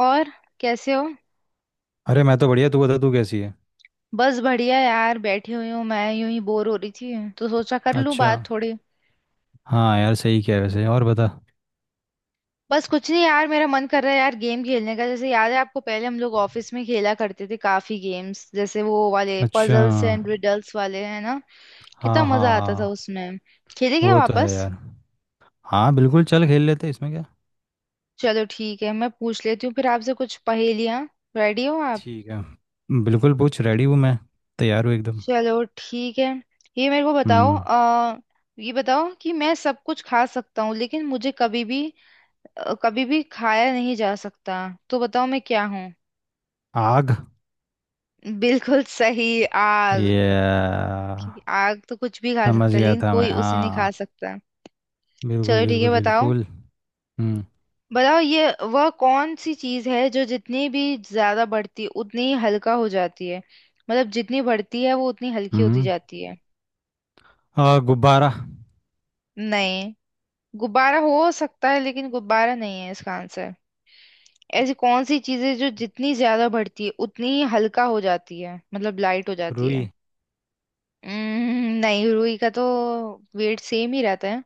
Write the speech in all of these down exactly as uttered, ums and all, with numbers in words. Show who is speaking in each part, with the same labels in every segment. Speaker 1: और कैसे हो।
Speaker 2: अरे मैं तो बढ़िया। तू बता तू कैसी है।
Speaker 1: बस बढ़िया यार बैठी हुई हूँ मैं यूं ही बोर हो रही थी तो सोचा कर लूँ
Speaker 2: अच्छा।
Speaker 1: बात थोड़ी।
Speaker 2: हाँ यार, सही क्या है वैसे। और बता।
Speaker 1: बस कुछ नहीं यार मेरा मन कर रहा है यार गेम खेलने का, जैसे याद है आपको पहले हम लोग ऑफिस में खेला करते थे काफी गेम्स, जैसे वो वाले
Speaker 2: अच्छा।
Speaker 1: पजल्स एंड रिडल्स वाले, है ना। कितना
Speaker 2: हाँ, हाँ,
Speaker 1: मजा आता था
Speaker 2: हाँ।
Speaker 1: उसमें। खेले क्या
Speaker 2: वो तो है
Speaker 1: वापस?
Speaker 2: यार। हाँ बिल्कुल, चल खेल लेते हैं, इसमें क्या।
Speaker 1: चलो ठीक है, मैं पूछ लेती हूँ फिर आपसे कुछ पहेलियाँ। रेडी हो आप?
Speaker 2: ठीक है। बिल्कुल पूछ, रेडी हूँ मैं। तैयार हूँ एकदम।
Speaker 1: चलो ठीक है। ये मेरे को बताओ
Speaker 2: हम्म।
Speaker 1: आ, ये बताओ कि मैं सब कुछ खा सकता हूँ लेकिन मुझे कभी भी अ, कभी भी खाया नहीं जा सकता। तो बताओ मैं क्या हूँ?
Speaker 2: आग।
Speaker 1: बिल्कुल सही। आग।
Speaker 2: ये।
Speaker 1: कि आग तो कुछ भी खा
Speaker 2: समझ
Speaker 1: सकता है
Speaker 2: गया
Speaker 1: लेकिन
Speaker 2: था मैं,
Speaker 1: कोई उसे नहीं खा
Speaker 2: हाँ।
Speaker 1: सकता।
Speaker 2: बिल्कुल,
Speaker 1: चलो ठीक है,
Speaker 2: बिल्कुल,
Speaker 1: बताओ।
Speaker 2: बिल्कुल। हम्म।
Speaker 1: बताओ ये। वह कौन सी चीज है जो जितनी भी ज्यादा बढ़ती है उतनी ही हल्का हो जाती है। मतलब जितनी बढ़ती है वो उतनी हल्की होती
Speaker 2: हम्म।
Speaker 1: जाती है।
Speaker 2: आ, गुब्बारा।
Speaker 1: नहीं। गुब्बारा हो सकता है लेकिन गुब्बारा नहीं है इसका आंसर। ऐसी कौन सी चीजें जो जितनी ज्यादा बढ़ती है उतनी ही हल्का हो जाती है, मतलब लाइट हो जाती
Speaker 2: रुई।
Speaker 1: है। हम्म, नहीं, रुई का तो वेट सेम ही रहता है।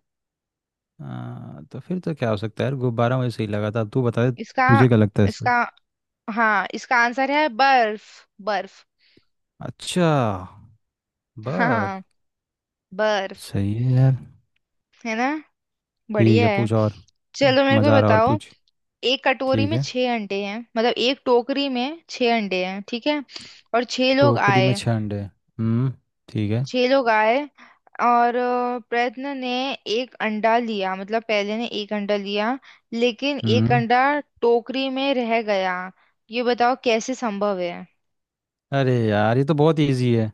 Speaker 2: आ, तो फिर तो क्या हो सकता है यार? गुब्बारा मुझे सही लगा था, अब तू बता दे।
Speaker 1: इसका
Speaker 2: तुझे क्या लगता है इससे?
Speaker 1: इसका हाँ, इसका आंसर है बर्फ। बर्फ।
Speaker 2: अच्छा। बर
Speaker 1: हाँ। बर्फ।
Speaker 2: सही है यार।
Speaker 1: है ना।
Speaker 2: ठीक
Speaker 1: बढ़िया
Speaker 2: है,
Speaker 1: है।
Speaker 2: पूछ और।
Speaker 1: चलो मेरे को
Speaker 2: मज़ा आ रहा है, और
Speaker 1: बताओ।
Speaker 2: पूछ।
Speaker 1: एक कटोरी
Speaker 2: ठीक
Speaker 1: में
Speaker 2: है।
Speaker 1: छह अंडे हैं, मतलब एक टोकरी में छह अंडे हैं, ठीक है। और छह लोग
Speaker 2: टोकरी में
Speaker 1: आए।
Speaker 2: छह अंडे। हम्म। ठीक है।
Speaker 1: छह लोग आए। और अ, प्रयत्न ने एक अंडा लिया, मतलब पहले ने एक अंडा लिया। लेकिन एक
Speaker 2: हम्म।
Speaker 1: अंडा टोकरी में रह गया। ये बताओ कैसे संभव है?
Speaker 2: अरे यार, ये तो बहुत इजी है।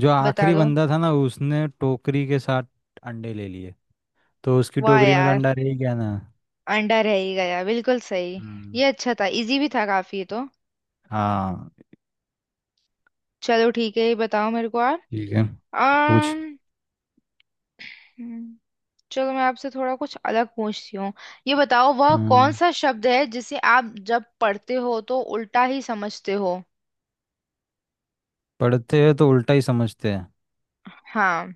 Speaker 2: जो
Speaker 1: बता
Speaker 2: आखिरी
Speaker 1: दो।
Speaker 2: बंदा था ना, उसने टोकरी के साथ अंडे ले लिए। तो उसकी
Speaker 1: वाह
Speaker 2: टोकरी में तो
Speaker 1: यार।
Speaker 2: अंडा रह ही गया ना।
Speaker 1: अंडा रह ही गया, बिल्कुल सही।
Speaker 2: हम्म।
Speaker 1: ये अच्छा था, इजी भी था काफी ये तो।
Speaker 2: हाँ।
Speaker 1: चलो ठीक है, ये बताओ मेरे को यार।
Speaker 2: ठीक है। पूछ।
Speaker 1: अम्म, हम्म, चलो मैं आपसे थोड़ा कुछ अलग पूछती हूँ। ये बताओ वह कौन
Speaker 2: हम्म।
Speaker 1: सा शब्द है जिसे आप जब पढ़ते हो तो उल्टा ही समझते हो?
Speaker 2: पढ़ते हैं तो उल्टा ही समझते हैं?
Speaker 1: हाँ।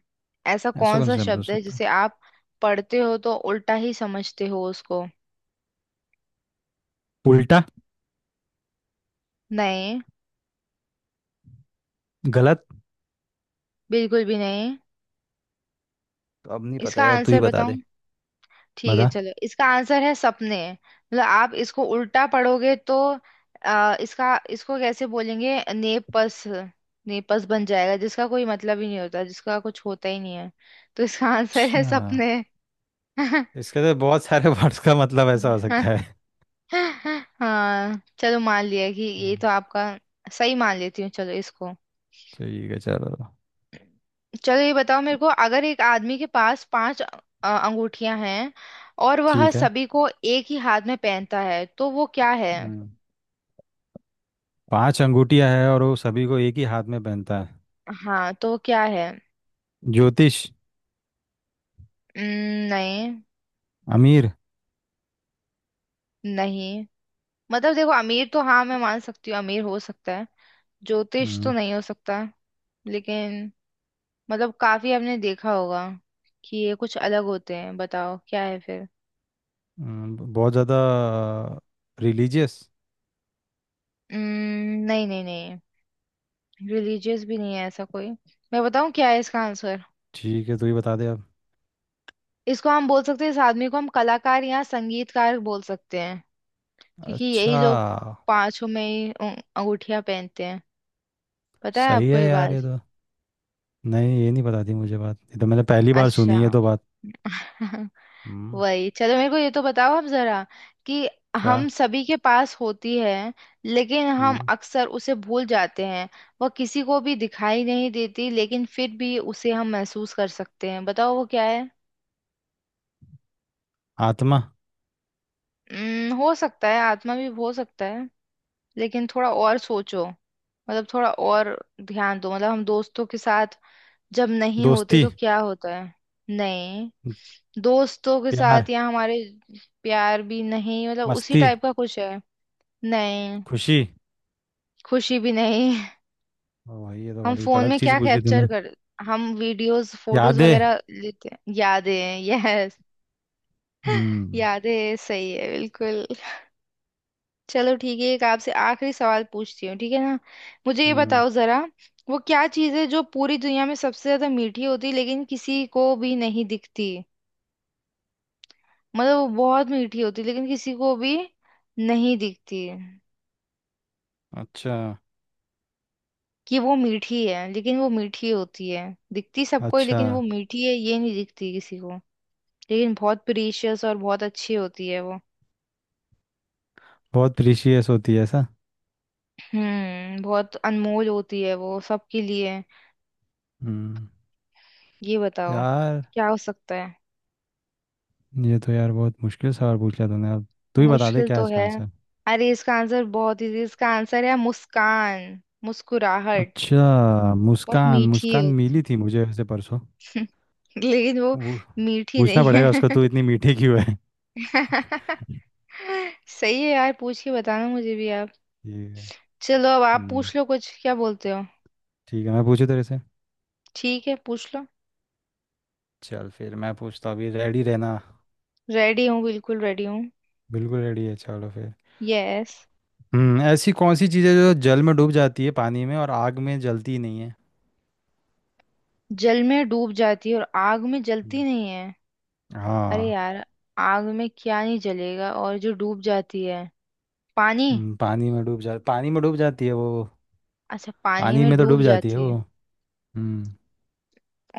Speaker 1: ऐसा
Speaker 2: ऐसा
Speaker 1: कौन
Speaker 2: कौन सा
Speaker 1: सा
Speaker 2: शब्द हो
Speaker 1: शब्द है
Speaker 2: सकता है?
Speaker 1: जिसे आप पढ़ते हो तो उल्टा ही समझते हो उसको?
Speaker 2: उल्टा।
Speaker 1: नहीं।
Speaker 2: गलत।
Speaker 1: बिल्कुल भी नहीं।
Speaker 2: तो अब नहीं पता
Speaker 1: इसका
Speaker 2: यार, तू
Speaker 1: आंसर
Speaker 2: ही बता
Speaker 1: बताओ।
Speaker 2: दे।
Speaker 1: ठीक है
Speaker 2: बता।
Speaker 1: चलो, इसका आंसर है सपने। मतलब आप इसको उल्टा पढ़ोगे तो आ, इसका इसको कैसे बोलेंगे, नेपस। नेपस बन जाएगा, जिसका कोई मतलब ही नहीं होता, जिसका कुछ होता ही नहीं है। तो इसका आंसर है
Speaker 2: अच्छा।
Speaker 1: सपने।
Speaker 2: इसके तो बहुत सारे वर्ड्स का मतलब ऐसा हो सकता है।
Speaker 1: हाँ चलो, मान लिया कि ये
Speaker 2: हाँ।
Speaker 1: तो आपका, सही मान लेती हूँ चलो इसको।
Speaker 2: ठीक है चलो।
Speaker 1: चलो ये बताओ मेरे को, अगर एक आदमी के पास पांच अ- अंगूठियां हैं और वह
Speaker 2: ठीक है।
Speaker 1: सभी को एक ही हाथ में पहनता है, तो वो क्या है?
Speaker 2: हम्म, पांच अंगूठियां है और वो सभी को एक ही हाथ में पहनता है।
Speaker 1: हाँ तो क्या है?
Speaker 2: ज्योतिष।
Speaker 1: उम्म, नहीं,
Speaker 2: अमीर।
Speaker 1: नहीं। मतलब देखो, अमीर तो हाँ मैं मान सकती हूँ, अमीर हो सकता है। ज्योतिष तो
Speaker 2: हम्म।
Speaker 1: नहीं हो सकता। लेकिन मतलब काफी आपने देखा होगा कि ये कुछ अलग होते हैं, बताओ क्या है फिर।
Speaker 2: हम्म, बहुत ज़्यादा। रिलीजियस।
Speaker 1: उम्म, नहीं, नहीं, नहीं। रिलीजियस भी नहीं है ऐसा कोई। मैं बताऊँ क्या है इसका आंसर?
Speaker 2: ठीक है, तू ही बता दे अब।
Speaker 1: इसको हम बोल सकते हैं, इस आदमी को हम कलाकार या संगीतकार बोल सकते हैं, क्योंकि
Speaker 2: अच्छा।
Speaker 1: यही लोग पांचों में ही अंगूठिया पहनते हैं। पता है
Speaker 2: सही
Speaker 1: आपको
Speaker 2: है
Speaker 1: ये
Speaker 2: यार,
Speaker 1: बात?
Speaker 2: ये तो। नहीं, ये नहीं पता थी मुझे बात, ये तो मैंने पहली बार सुनी
Speaker 1: अच्छा।
Speaker 2: है तो बात। हम्म,
Speaker 1: वही, चलो मेरे को ये तो बताओ आप जरा, कि
Speaker 2: क्या?
Speaker 1: हम सभी के पास होती है लेकिन हम
Speaker 2: हम्म,
Speaker 1: अक्सर उसे भूल जाते हैं। वह किसी को भी दिखाई नहीं देती लेकिन फिर भी उसे हम महसूस कर सकते हैं, बताओ वो क्या है?
Speaker 2: आत्मा।
Speaker 1: उम्म, हो सकता है, आत्मा भी हो सकता है। लेकिन थोड़ा और सोचो, मतलब थोड़ा और ध्यान दो। मतलब हम दोस्तों के साथ जब नहीं होते
Speaker 2: दोस्ती।
Speaker 1: तो क्या होता है? नहीं। दोस्तों के
Speaker 2: प्यार।
Speaker 1: साथ या हमारे। प्यार भी नहीं, मतलब उसी
Speaker 2: मस्ती।
Speaker 1: टाइप का कुछ है। नहीं।
Speaker 2: खुशी।
Speaker 1: खुशी भी नहीं।
Speaker 2: ओ भाई, ये तो
Speaker 1: हम
Speaker 2: बड़ी
Speaker 1: फोन
Speaker 2: कड़क
Speaker 1: में
Speaker 2: चीज
Speaker 1: क्या
Speaker 2: पूछ ली
Speaker 1: कैप्चर
Speaker 2: तूने।
Speaker 1: कर, हम वीडियोस फोटोज
Speaker 2: यादें।
Speaker 1: वगैरह लेते हैं, यादें। यस।
Speaker 2: हम्म।
Speaker 1: यादें, सही है बिल्कुल। चलो ठीक है, एक आपसे आखिरी सवाल पूछती हूँ, ठीक है ना? मुझे ये
Speaker 2: हम्म।
Speaker 1: बताओ जरा। वो क्या चीज़ है जो पूरी दुनिया में सबसे ज्यादा मीठी होती है लेकिन किसी को भी नहीं दिखती? मतलब वो बहुत मीठी होती है लेकिन किसी को भी नहीं दिखती।
Speaker 2: अच्छा।
Speaker 1: कि वो मीठी है, लेकिन वो मीठी होती है, दिखती सबको है
Speaker 2: अच्छा।
Speaker 1: लेकिन वो मीठी है ये नहीं दिखती किसी को। लेकिन बहुत प्रीशियस और बहुत अच्छी होती है वो।
Speaker 2: बहुत प्रीशियस होती है ऐसा?
Speaker 1: हम्म बहुत अनमोल होती है वो सबके लिए।
Speaker 2: हम्म।
Speaker 1: ये बताओ
Speaker 2: यार।
Speaker 1: क्या हो सकता है?
Speaker 2: ये तो यार बहुत मुश्किल सवाल पूछ लिया तूने अब। तू ही बता दे
Speaker 1: मुश्किल
Speaker 2: क्या है
Speaker 1: तो
Speaker 2: इसका
Speaker 1: है।
Speaker 2: आंसर।
Speaker 1: अरे इसका आंसर बहुत इजी, इसका आंसर है मुस्कान, मुस्कुराहट।
Speaker 2: अच्छा,
Speaker 1: बहुत
Speaker 2: मुस्कान।
Speaker 1: मीठी
Speaker 2: मुस्कान मिली
Speaker 1: होती
Speaker 2: थी मुझे वैसे परसों।
Speaker 1: लेकिन वो
Speaker 2: वो।
Speaker 1: मीठी
Speaker 2: पूछना
Speaker 1: नहीं
Speaker 2: पड़ेगा
Speaker 1: है।
Speaker 2: उसको, तू इतनी मीठी क्यों है?
Speaker 1: सही है यार, पूछ के बताना मुझे भी आप।
Speaker 2: ठीक है।
Speaker 1: चलो अब आप
Speaker 2: हम्म।
Speaker 1: पूछ लो कुछ, क्या बोलते हो?
Speaker 2: ठीक है, मैं पूछू तेरे से।
Speaker 1: ठीक है पूछ लो।
Speaker 2: चल फिर मैं पूछता हूँ, अभी रेडी रहना।
Speaker 1: रेडी हूँ, बिल्कुल रेडी हूँ।
Speaker 2: बिल्कुल रेडी है, चलो फिर।
Speaker 1: यस।
Speaker 2: हम्म ऐसी कौन सी चीज़ है जो जल में डूब जाती है, पानी में, और आग में जलती नहीं है?
Speaker 1: जल में डूब जाती है और आग में जलती
Speaker 2: हम्म।
Speaker 1: नहीं है। अरे
Speaker 2: हाँ।
Speaker 1: यार। आग में क्या नहीं जलेगा और जो डूब जाती है, पानी।
Speaker 2: हम्म, पानी में डूब जा पानी में डूब जाती है वो।
Speaker 1: अच्छा, पानी
Speaker 2: पानी
Speaker 1: में
Speaker 2: में तो
Speaker 1: डूब
Speaker 2: डूब जाती है
Speaker 1: जाती है
Speaker 2: वो। हम्म।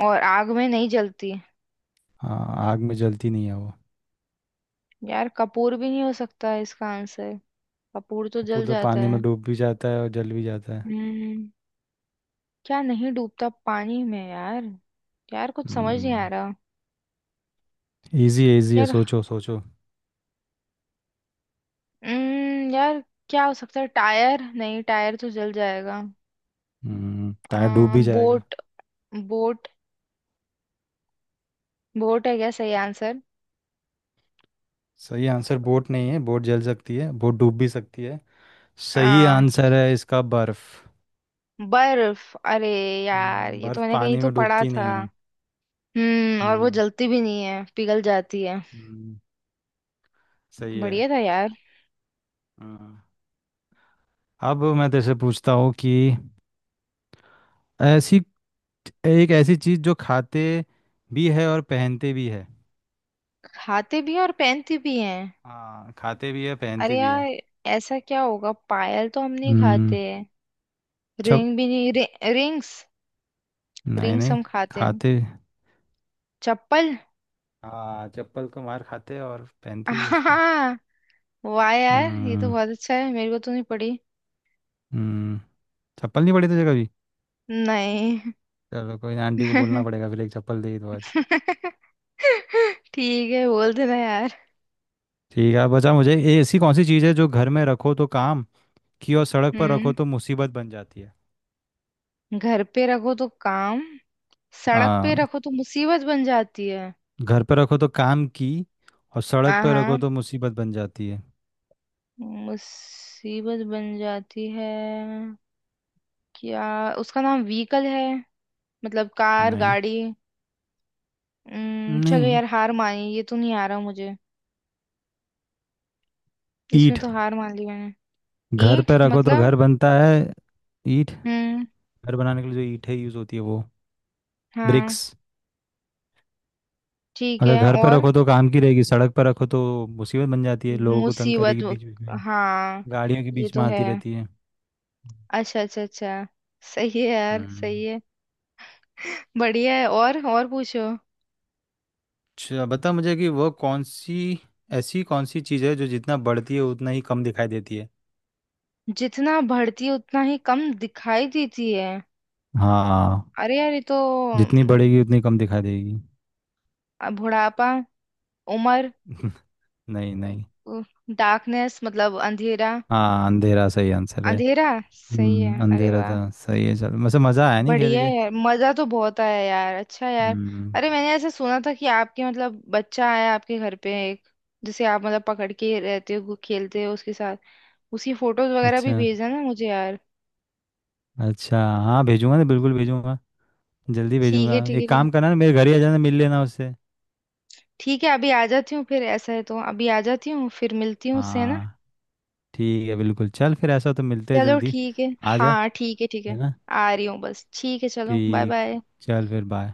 Speaker 1: और आग में नहीं जलती।
Speaker 2: हाँ, आग में जलती नहीं है वो।
Speaker 1: यार कपूर भी नहीं हो सकता है इसका आंसर? कपूर तो
Speaker 2: कपूर
Speaker 1: जल
Speaker 2: तो
Speaker 1: जाता
Speaker 2: पानी
Speaker 1: है।
Speaker 2: में डूब भी जाता है और जल भी जाता है।
Speaker 1: हम्म। क्या नहीं डूबता पानी में यार? यार कुछ समझ नहीं आ
Speaker 2: हम्म।
Speaker 1: रहा
Speaker 2: इजी है, इजी है,
Speaker 1: यार।
Speaker 2: सोचो सोचो।
Speaker 1: हम्म यार क्या हो सकता है? टायर, नहीं टायर तो जल जाएगा।
Speaker 2: हम्म टायर डूब
Speaker 1: अ,
Speaker 2: भी जाएगा।
Speaker 1: बोट। बोट। बोट है क्या सही?
Speaker 2: सही आंसर बोट नहीं है, बोट जल सकती है, बोट डूब भी सकती है। सही
Speaker 1: आंसर
Speaker 2: आंसर है इसका बर्फ।
Speaker 1: बर्फ। अरे यार
Speaker 2: हम्म,
Speaker 1: ये तो
Speaker 2: बर्फ
Speaker 1: मैंने कहीं
Speaker 2: पानी
Speaker 1: तो
Speaker 2: में
Speaker 1: पढ़ा
Speaker 2: डूबती
Speaker 1: था।
Speaker 2: नहीं है।
Speaker 1: हम्म और वो
Speaker 2: हम्म।
Speaker 1: जलती भी नहीं है, पिघल जाती है।
Speaker 2: हम्म। सही है।
Speaker 1: बढ़िया था यार।
Speaker 2: हाँ। अब मैं तेरे से पूछता हूँ कि ऐसी एक ऐसी चीज जो खाते भी है और पहनते भी है।
Speaker 1: खाते भी हैं और पहनते भी हैं।
Speaker 2: हाँ, खाते भी है,
Speaker 1: अरे
Speaker 2: पहनते भी
Speaker 1: यार।
Speaker 2: है।
Speaker 1: ऐसा क्या होगा, पायल तो हम नहीं
Speaker 2: हम्म।
Speaker 1: खाते।
Speaker 2: छप
Speaker 1: रिंग भी नहीं, रि, रिंग्स।
Speaker 2: नहीं,
Speaker 1: रिंग्स
Speaker 2: नहीं।
Speaker 1: हम खाते हैं।
Speaker 2: खाते।
Speaker 1: चप्पल।
Speaker 2: हाँ, चप्पल को मार खाते हैं और पहनते भी है उसको।
Speaker 1: हाँ। वाह यार ये तो
Speaker 2: हम्म।
Speaker 1: बहुत अच्छा है, मेरे को तो नहीं पड़ी।
Speaker 2: हम्म। चप्पल नहीं पड़ी तुझे कभी?
Speaker 1: नहीं।
Speaker 2: चलो कोई ना, आंटी को बोलना पड़ेगा फिर, एक चप्पल दे दो आज।
Speaker 1: ठीक है, बोल देना यार।
Speaker 2: ठीक है। बचा मुझे ए, ऐसी कौन सी चीज़ है जो घर में रखो तो काम की, और सड़क पर रखो
Speaker 1: हम्म।
Speaker 2: तो मुसीबत बन जाती है?
Speaker 1: घर पे रखो तो काम, सड़क पे
Speaker 2: हाँ,
Speaker 1: रखो तो मुसीबत बन जाती है।
Speaker 2: घर पर रखो तो काम की, और सड़क
Speaker 1: हाँ
Speaker 2: पर
Speaker 1: हाँ।
Speaker 2: रखो तो मुसीबत बन जाती है।
Speaker 1: मुसीबत बन जाती है, क्या? उसका नाम व्हीकल है, मतलब कार,
Speaker 2: नहीं।
Speaker 1: गाड़ी। उम्म, चलो
Speaker 2: नहीं।
Speaker 1: यार हार मानी, ये तो नहीं आ रहा मुझे। इसमें
Speaker 2: ईंट
Speaker 1: तो हार मान ली मैंने।
Speaker 2: घर
Speaker 1: ईंट
Speaker 2: पे रखो तो
Speaker 1: मतलब।
Speaker 2: घर बनता है। ईंट।
Speaker 1: हम्म।
Speaker 2: घर बनाने के लिए जो ईंट है, यूज होती है वो।
Speaker 1: हाँ।
Speaker 2: ब्रिक्स।
Speaker 1: ठीक
Speaker 2: अगर
Speaker 1: है।
Speaker 2: घर पे
Speaker 1: और
Speaker 2: रखो तो काम की रहेगी, सड़क पर रखो तो मुसीबत बन जाती है, लोगों को तंग करेगी
Speaker 1: मुसीबत।
Speaker 2: बीच बीच में।
Speaker 1: हाँ।
Speaker 2: गाड़ियों के
Speaker 1: ये
Speaker 2: बीच
Speaker 1: तो
Speaker 2: में
Speaker 1: है।
Speaker 2: आती रहती है।
Speaker 1: अच्छा अच्छा अच्छा। सही है यार, सही
Speaker 2: हम्म।
Speaker 1: है। बढ़िया है। और और पूछो।
Speaker 2: अच्छा बता मुझे कि वो कौन सी ऐसी कौन सी चीज़ है जो जितना बढ़ती है उतना ही कम दिखाई देती है?
Speaker 1: जितना बढ़ती है उतना ही कम दिखाई देती है।
Speaker 2: हाँ।
Speaker 1: अरे यार ये तो
Speaker 2: जितनी
Speaker 1: अम,
Speaker 2: बढ़ेगी उतनी कम दिखाई देगी।
Speaker 1: अ, बुढ़ापा, उम्र।
Speaker 2: नहीं, नहीं।
Speaker 1: डार्कनेस, मतलब अंधेरा।
Speaker 2: हाँ, अंधेरा सही आंसर है।
Speaker 1: अंधेरा, सही है,
Speaker 2: हम्म,
Speaker 1: अरे
Speaker 2: अंधेरा
Speaker 1: वाह।
Speaker 2: था। सही है। चल वैसे मज़ा आया नहीं खेल
Speaker 1: बढ़िया
Speaker 2: के?
Speaker 1: है यार, मजा तो बहुत आया यार। अच्छा यार,
Speaker 2: हम्म।
Speaker 1: अरे मैंने ऐसा सुना था कि आपके मतलब बच्चा आया आपके घर पे एक, जिसे आप मतलब पकड़ के रहते हो, खेलते हो उसके साथ, उसकी फोटोज वगैरह भी
Speaker 2: अच्छा।
Speaker 1: भेजना ना मुझे यार।
Speaker 2: अच्छा, हाँ भेजूंगा ना, बिल्कुल भेजूंगा। जल्दी
Speaker 1: ठीक है,
Speaker 2: भेजूंगा,
Speaker 1: ठीक है,
Speaker 2: एक
Speaker 1: ठीक है।
Speaker 2: काम करना ना, मेरे घर ही आ जाना, मिल लेना उससे।
Speaker 1: ठीक है, अभी आ जाती हूँ फिर, ऐसा है तो अभी आ जाती हूँ फिर, मिलती हूँ उससे, है ना?
Speaker 2: हाँ। ठीक है बिल्कुल, चल फिर ऐसा हो तो मिलते हैं
Speaker 1: चलो
Speaker 2: जल्दी।
Speaker 1: ठीक है।
Speaker 2: आ जा।
Speaker 1: हाँ ठीक है, ठीक
Speaker 2: है
Speaker 1: है।
Speaker 2: ना?
Speaker 1: आ रही हूँ बस, ठीक है, चलो, बाय
Speaker 2: ठीक।
Speaker 1: बाय।
Speaker 2: चल फिर बाय।